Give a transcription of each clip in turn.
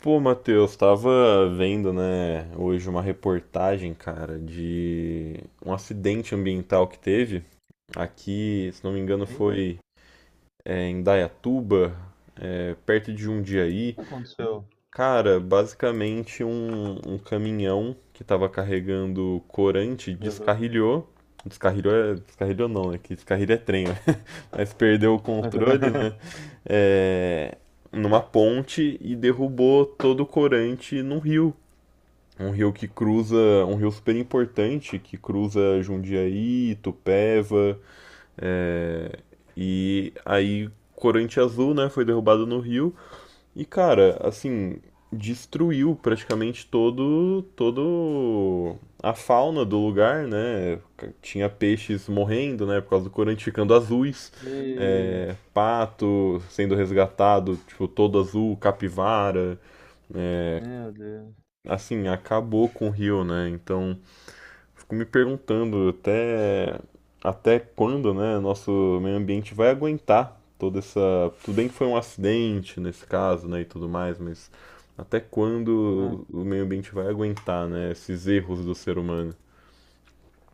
Pô, Matheus, tava vendo, né, hoje uma reportagem, cara, de um acidente ambiental que teve aqui, se não me engano, Eita, o foi em Dayatuba, perto de Jundiaí. que aconteceu? Cara, basicamente um caminhão que estava carregando corante Uhum. descarrilhou. Descarrilhou, descarrilhou não, né? Que descarrilho é trem, né? Mas perdeu o controle, né? É, numa ponte e derrubou todo o corante num rio. Um rio que cruza, Um rio super importante que cruza Jundiaí, Itupeva, é, e aí corante azul, né? Foi derrubado no rio. E, cara, assim, destruiu praticamente todo a fauna do lugar, né? Tinha peixes morrendo, né? Por causa do corante ficando azuis. E, Pato sendo resgatado, tipo, todo azul, capivara. é, meu Deus. assim, acabou com o rio, né? Então, fico me perguntando até quando, né, nosso meio ambiente vai aguentar toda essa. Tudo bem que foi um acidente nesse caso, né, e tudo mais, mas até Ah, quando o meio ambiente vai aguentar, né, esses erros do ser humano?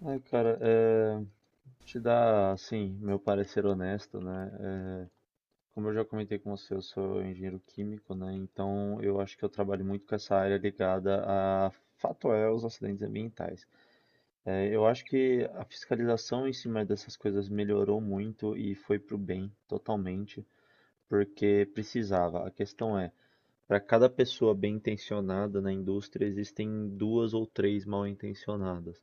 Ai, cara, te dar, assim, meu parecer honesto, né? Como eu já comentei com você, eu sou engenheiro químico, né? Então eu acho que eu trabalho muito com essa área ligada a fato é os acidentes ambientais. Eu acho que a fiscalização em cima dessas coisas melhorou muito e foi pro bem, totalmente, porque precisava. A questão é: para cada pessoa bem-intencionada na indústria, existem duas ou três mal-intencionadas.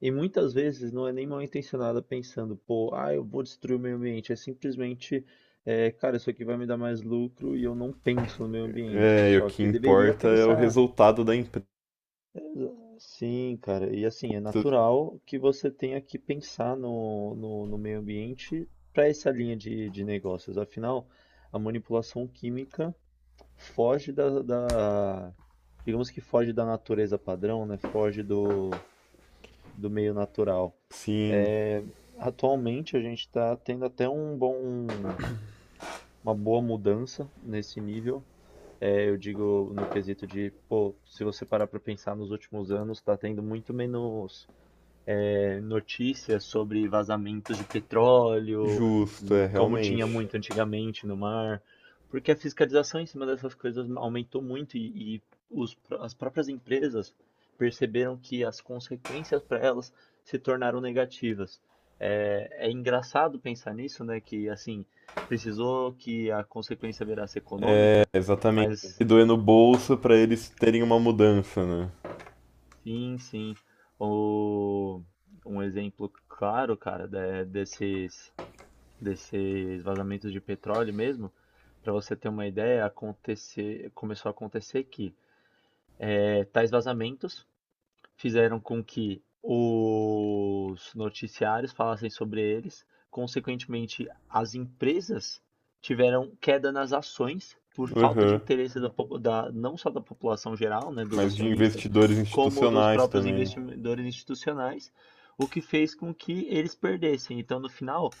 E muitas vezes não é nem mal-intencionada pensando, pô, ah, eu vou destruir o meio ambiente. É simplesmente, cara, isso aqui vai me dar mais lucro e eu não penso no meio ambiente. É, e o Só que que deveria importa é o pensar. resultado da empresa. Sim, cara. E assim, é natural que você tenha que pensar no meio ambiente para essa linha de negócios. Afinal, a manipulação química foge digamos que foge da natureza padrão, né? Foge do meio natural. Sim, É, Atualmente a gente está tendo até um bom, uma boa mudança nesse nível. Eu digo no quesito de, pô, se você parar para pensar nos últimos anos, está tendo muito menos notícias sobre vazamentos de petróleo, justo, é como tinha realmente. muito antigamente no mar, porque a fiscalização em cima dessas coisas aumentou muito e as próprias empresas perceberam que as consequências para elas se tornaram negativas. É engraçado pensar nisso, né? Que assim precisou que a consequência virasse É, econômica, exatamente. mas E doer no bolso para eles terem uma mudança, né? sim, sim, o, um exemplo claro, cara, desses desses vazamentos de petróleo mesmo, para você ter uma ideia, acontecer, começou a acontecer que tais vazamentos fizeram com que os noticiários falassem sobre eles. Consequentemente, as empresas tiveram queda nas ações por falta de Aham. interesse não só da população geral, né, dos Mas de acionistas, investidores como dos institucionais próprios também. investidores institucionais, o que fez com que eles perdessem. Então, no final,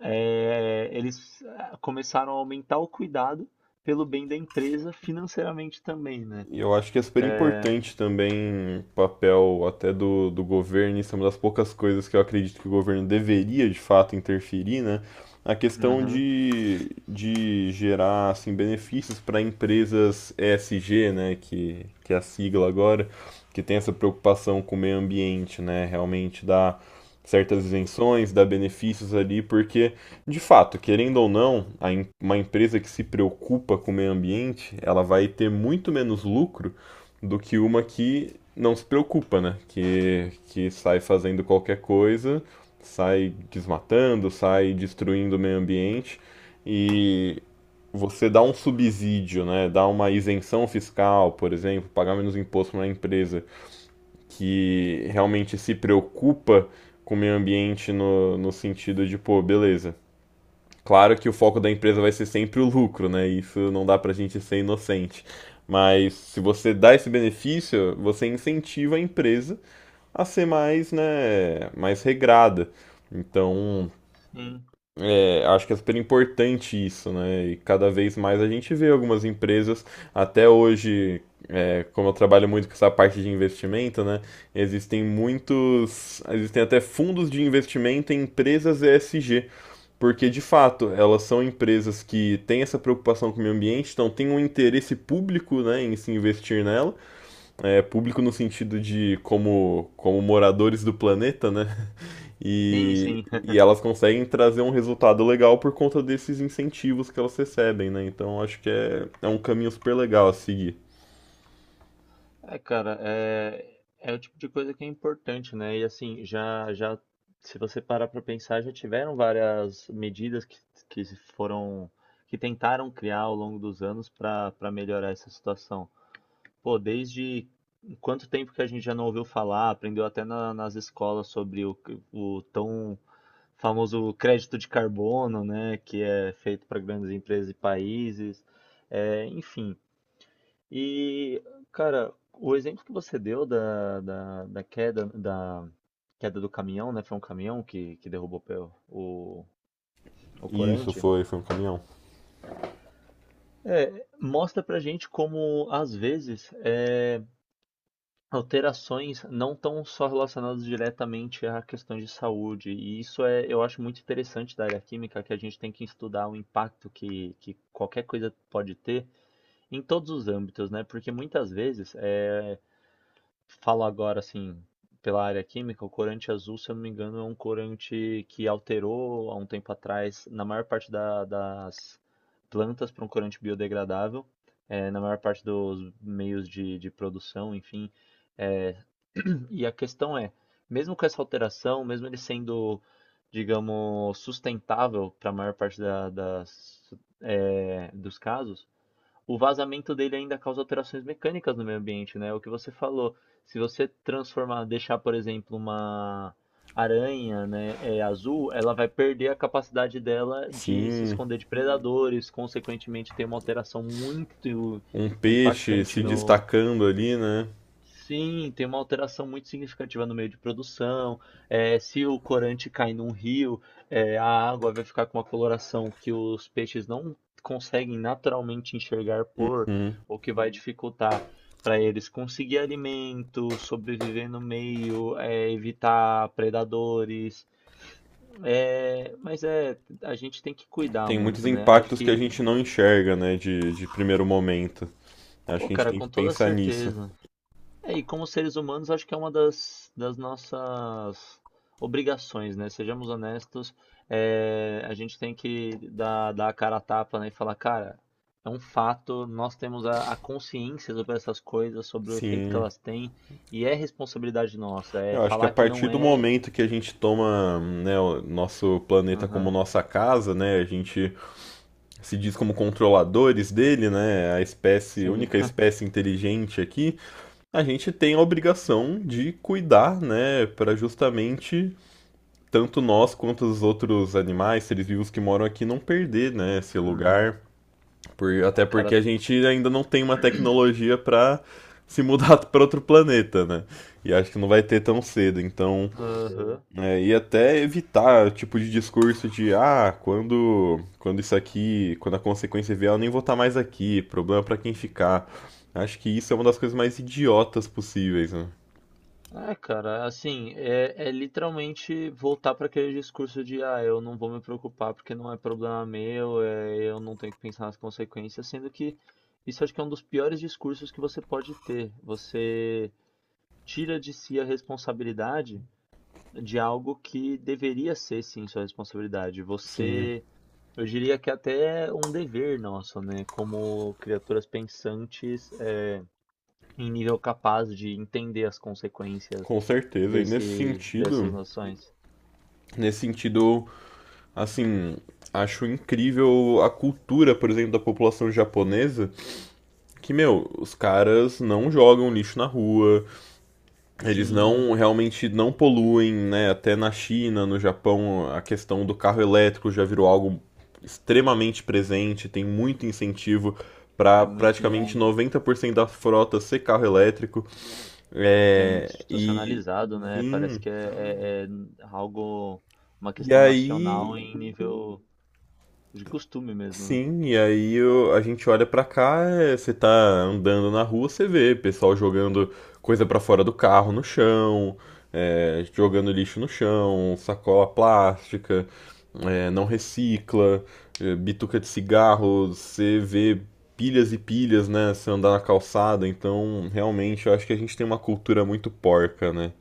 começaram a aumentar o cuidado pelo bem da empresa financeiramente também, né? E eu acho que é super importante também o papel até do, do governo, isso é uma das poucas coisas que eu acredito que o governo deveria de fato interferir, né? A questão Aham. De gerar assim, benefícios para empresas ESG né? Que é a sigla agora, que tem essa preocupação com o meio ambiente, né? Realmente dá certas isenções, dá benefícios ali, porque de fato, querendo ou não, uma empresa que se preocupa com o meio ambiente, ela vai ter muito menos lucro do que uma que não se preocupa, né? Que sai fazendo qualquer coisa, sai desmatando, sai destruindo o meio ambiente e você dá um subsídio, né? Dá uma isenção fiscal, por exemplo, pagar menos imposto para uma empresa que realmente se preocupa com o meio ambiente no, no sentido de, pô, beleza. Claro que o foco da empresa vai ser sempre o lucro, né? Isso não dá pra gente ser inocente. Mas se você dá esse benefício, você incentiva a empresa a ser mais, né, mais regrada. Então, Sim, acho que é super importante isso, né? E cada vez mais a gente vê algumas empresas, até hoje, como eu trabalho muito com essa parte de investimento, né? Existem muitos. Existem até fundos de investimento em empresas ESG. Porque, de fato, elas são empresas que têm essa preocupação com o meio ambiente, então tem um interesse público né, em se investir nela. Público no sentido de como, moradores do planeta, né? sim, E, sim. e elas conseguem trazer um resultado legal por conta desses incentivos que elas recebem, né? Então acho que é um caminho super legal a seguir. Cara, é o tipo de coisa que é importante, né? E assim, já, se você parar para pensar, já tiveram várias medidas que se foram, que tentaram criar ao longo dos anos para melhorar essa situação. Pô, desde quanto tempo que a gente já não ouviu falar, aprendeu até nas escolas sobre o tão famoso crédito de carbono, né? Que é feito para grandes empresas e países. É, enfim. E, cara, o exemplo que você deu da queda do caminhão, né? Foi um caminhão que derrubou o, o Isso corante. foi um caminhão. Mostra pra gente como, às vezes, alterações não estão só relacionadas diretamente a questões de saúde. E isso é, eu acho muito interessante da área química, que a gente tem que estudar o impacto que qualquer coisa pode ter em todos os âmbitos, né? Porque muitas vezes, falo agora, assim, pela área química, o corante azul, se eu não me engano, é um corante que alterou há um tempo atrás, na maior parte das plantas, para um corante biodegradável, na maior parte dos meios de produção, enfim. eh, e a questão é, mesmo com essa alteração, mesmo ele sendo, digamos, sustentável para a maior parte dos casos, o vazamento dele ainda causa alterações mecânicas no meio ambiente, né? O que você falou, se você transformar, deixar, por exemplo, uma aranha, né, azul, ela vai perder a capacidade dela de se Sim, esconder de predadores, consequentemente tem uma alteração muito um peixe impactante se no, destacando ali, né? sim, tem uma alteração muito significativa no meio de produção. É, se o corante cai num rio, a água vai ficar com uma coloração que os peixes não conseguem naturalmente enxergar por, Hum. o que vai Uhum. dificultar para eles conseguir alimento, sobreviver no meio, evitar predadores. É, mas é, a gente tem que cuidar Tem muitos muito, né? Acho impactos que a que, gente não enxerga, né, de, primeiro momento. Acho pô, que a gente cara, tem com que toda pensar nisso. certeza. É, e como seres humanos, acho que é uma das nossas obrigações, né? Sejamos honestos, a gente tem que dar a cara a tapa, né? E falar, cara, é um fato, nós temos a consciência sobre essas coisas, sobre o efeito que Sim, elas têm, e é responsabilidade nossa. É eu acho que a falar que não partir do é. momento que a gente toma, né, o nosso planeta como Aham, nossa casa, né, a gente se diz como controladores dele, né, a espécie, sim. única espécie inteligente aqui, a gente tem a obrigação de cuidar, né, para justamente tanto nós quanto os outros animais, seres vivos que moram aqui, não perder, né, esse lugar. Por, até É, porque cara, a gente ainda não tem uma tecnologia para se mudar para outro planeta, né? E acho que não vai ter tão cedo, então. aham. E até evitar o tipo de discurso de ah, quando isso aqui, quando a consequência vier, eu nem vou estar mais aqui, problema para quem ficar. Acho que isso é uma das coisas mais idiotas possíveis, né? É, cara, assim, é, é literalmente voltar para aquele discurso de, ah, eu não vou me preocupar porque não é problema meu, é, eu não tenho que pensar nas consequências, sendo que isso acho que é um dos piores discursos que você pode ter. Você tira de si a responsabilidade de algo que deveria ser, sim, sua responsabilidade. Sim, Você, eu diria que é até um dever nosso, né, como criaturas pensantes, em nível capaz de entender as consequências com certeza. E nesse sentido, dessas noções. nesse sentido, assim, acho incrível a cultura, por exemplo, da população japonesa, que, meu, os caras não jogam lixo na rua, eles Sim, não realmente não poluem, né? Até na China, no Japão, a questão do carro elétrico já virou algo extremamente presente, tem muito incentivo é para muito praticamente 90% da frota ser carro elétrico. já É, e, institucionalizado, né? Parece enfim, que é algo, uma e questão nacional aí, em nível de costume mesmo, né? sim, e aí a gente olha pra cá, você tá andando na rua, você vê pessoal jogando coisa pra fora do carro no chão, jogando lixo no chão, sacola plástica, não recicla, bituca de cigarro, você vê pilhas e pilhas, né, se andar na calçada, então realmente eu acho que a gente tem uma cultura muito porca, né?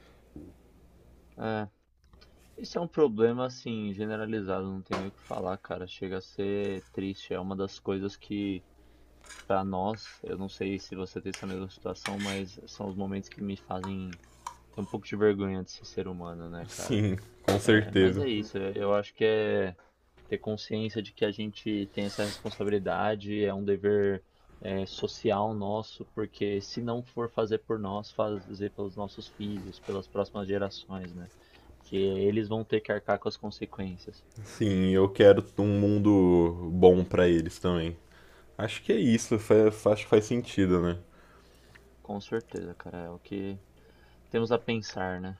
É, isso é um problema, assim, generalizado, não tem nem o que falar, cara. Chega a ser triste, é uma das coisas que, pra nós, eu não sei se você tem essa mesma situação, mas são os momentos que me fazem ter um pouco de vergonha de ser ser humano, né, cara? Sim, com É, mas certeza. é isso, eu acho que é ter consciência de que a gente tem essa responsabilidade, é um dever social nosso, porque se não for fazer por nós, fazer pelos nossos filhos, pelas próximas gerações, né? Que eles vão ter que arcar com as consequências. Sim, eu quero um mundo bom pra eles também. Acho que é isso, acho que faz sentido, né? Com certeza, cara, é o que temos a pensar, né?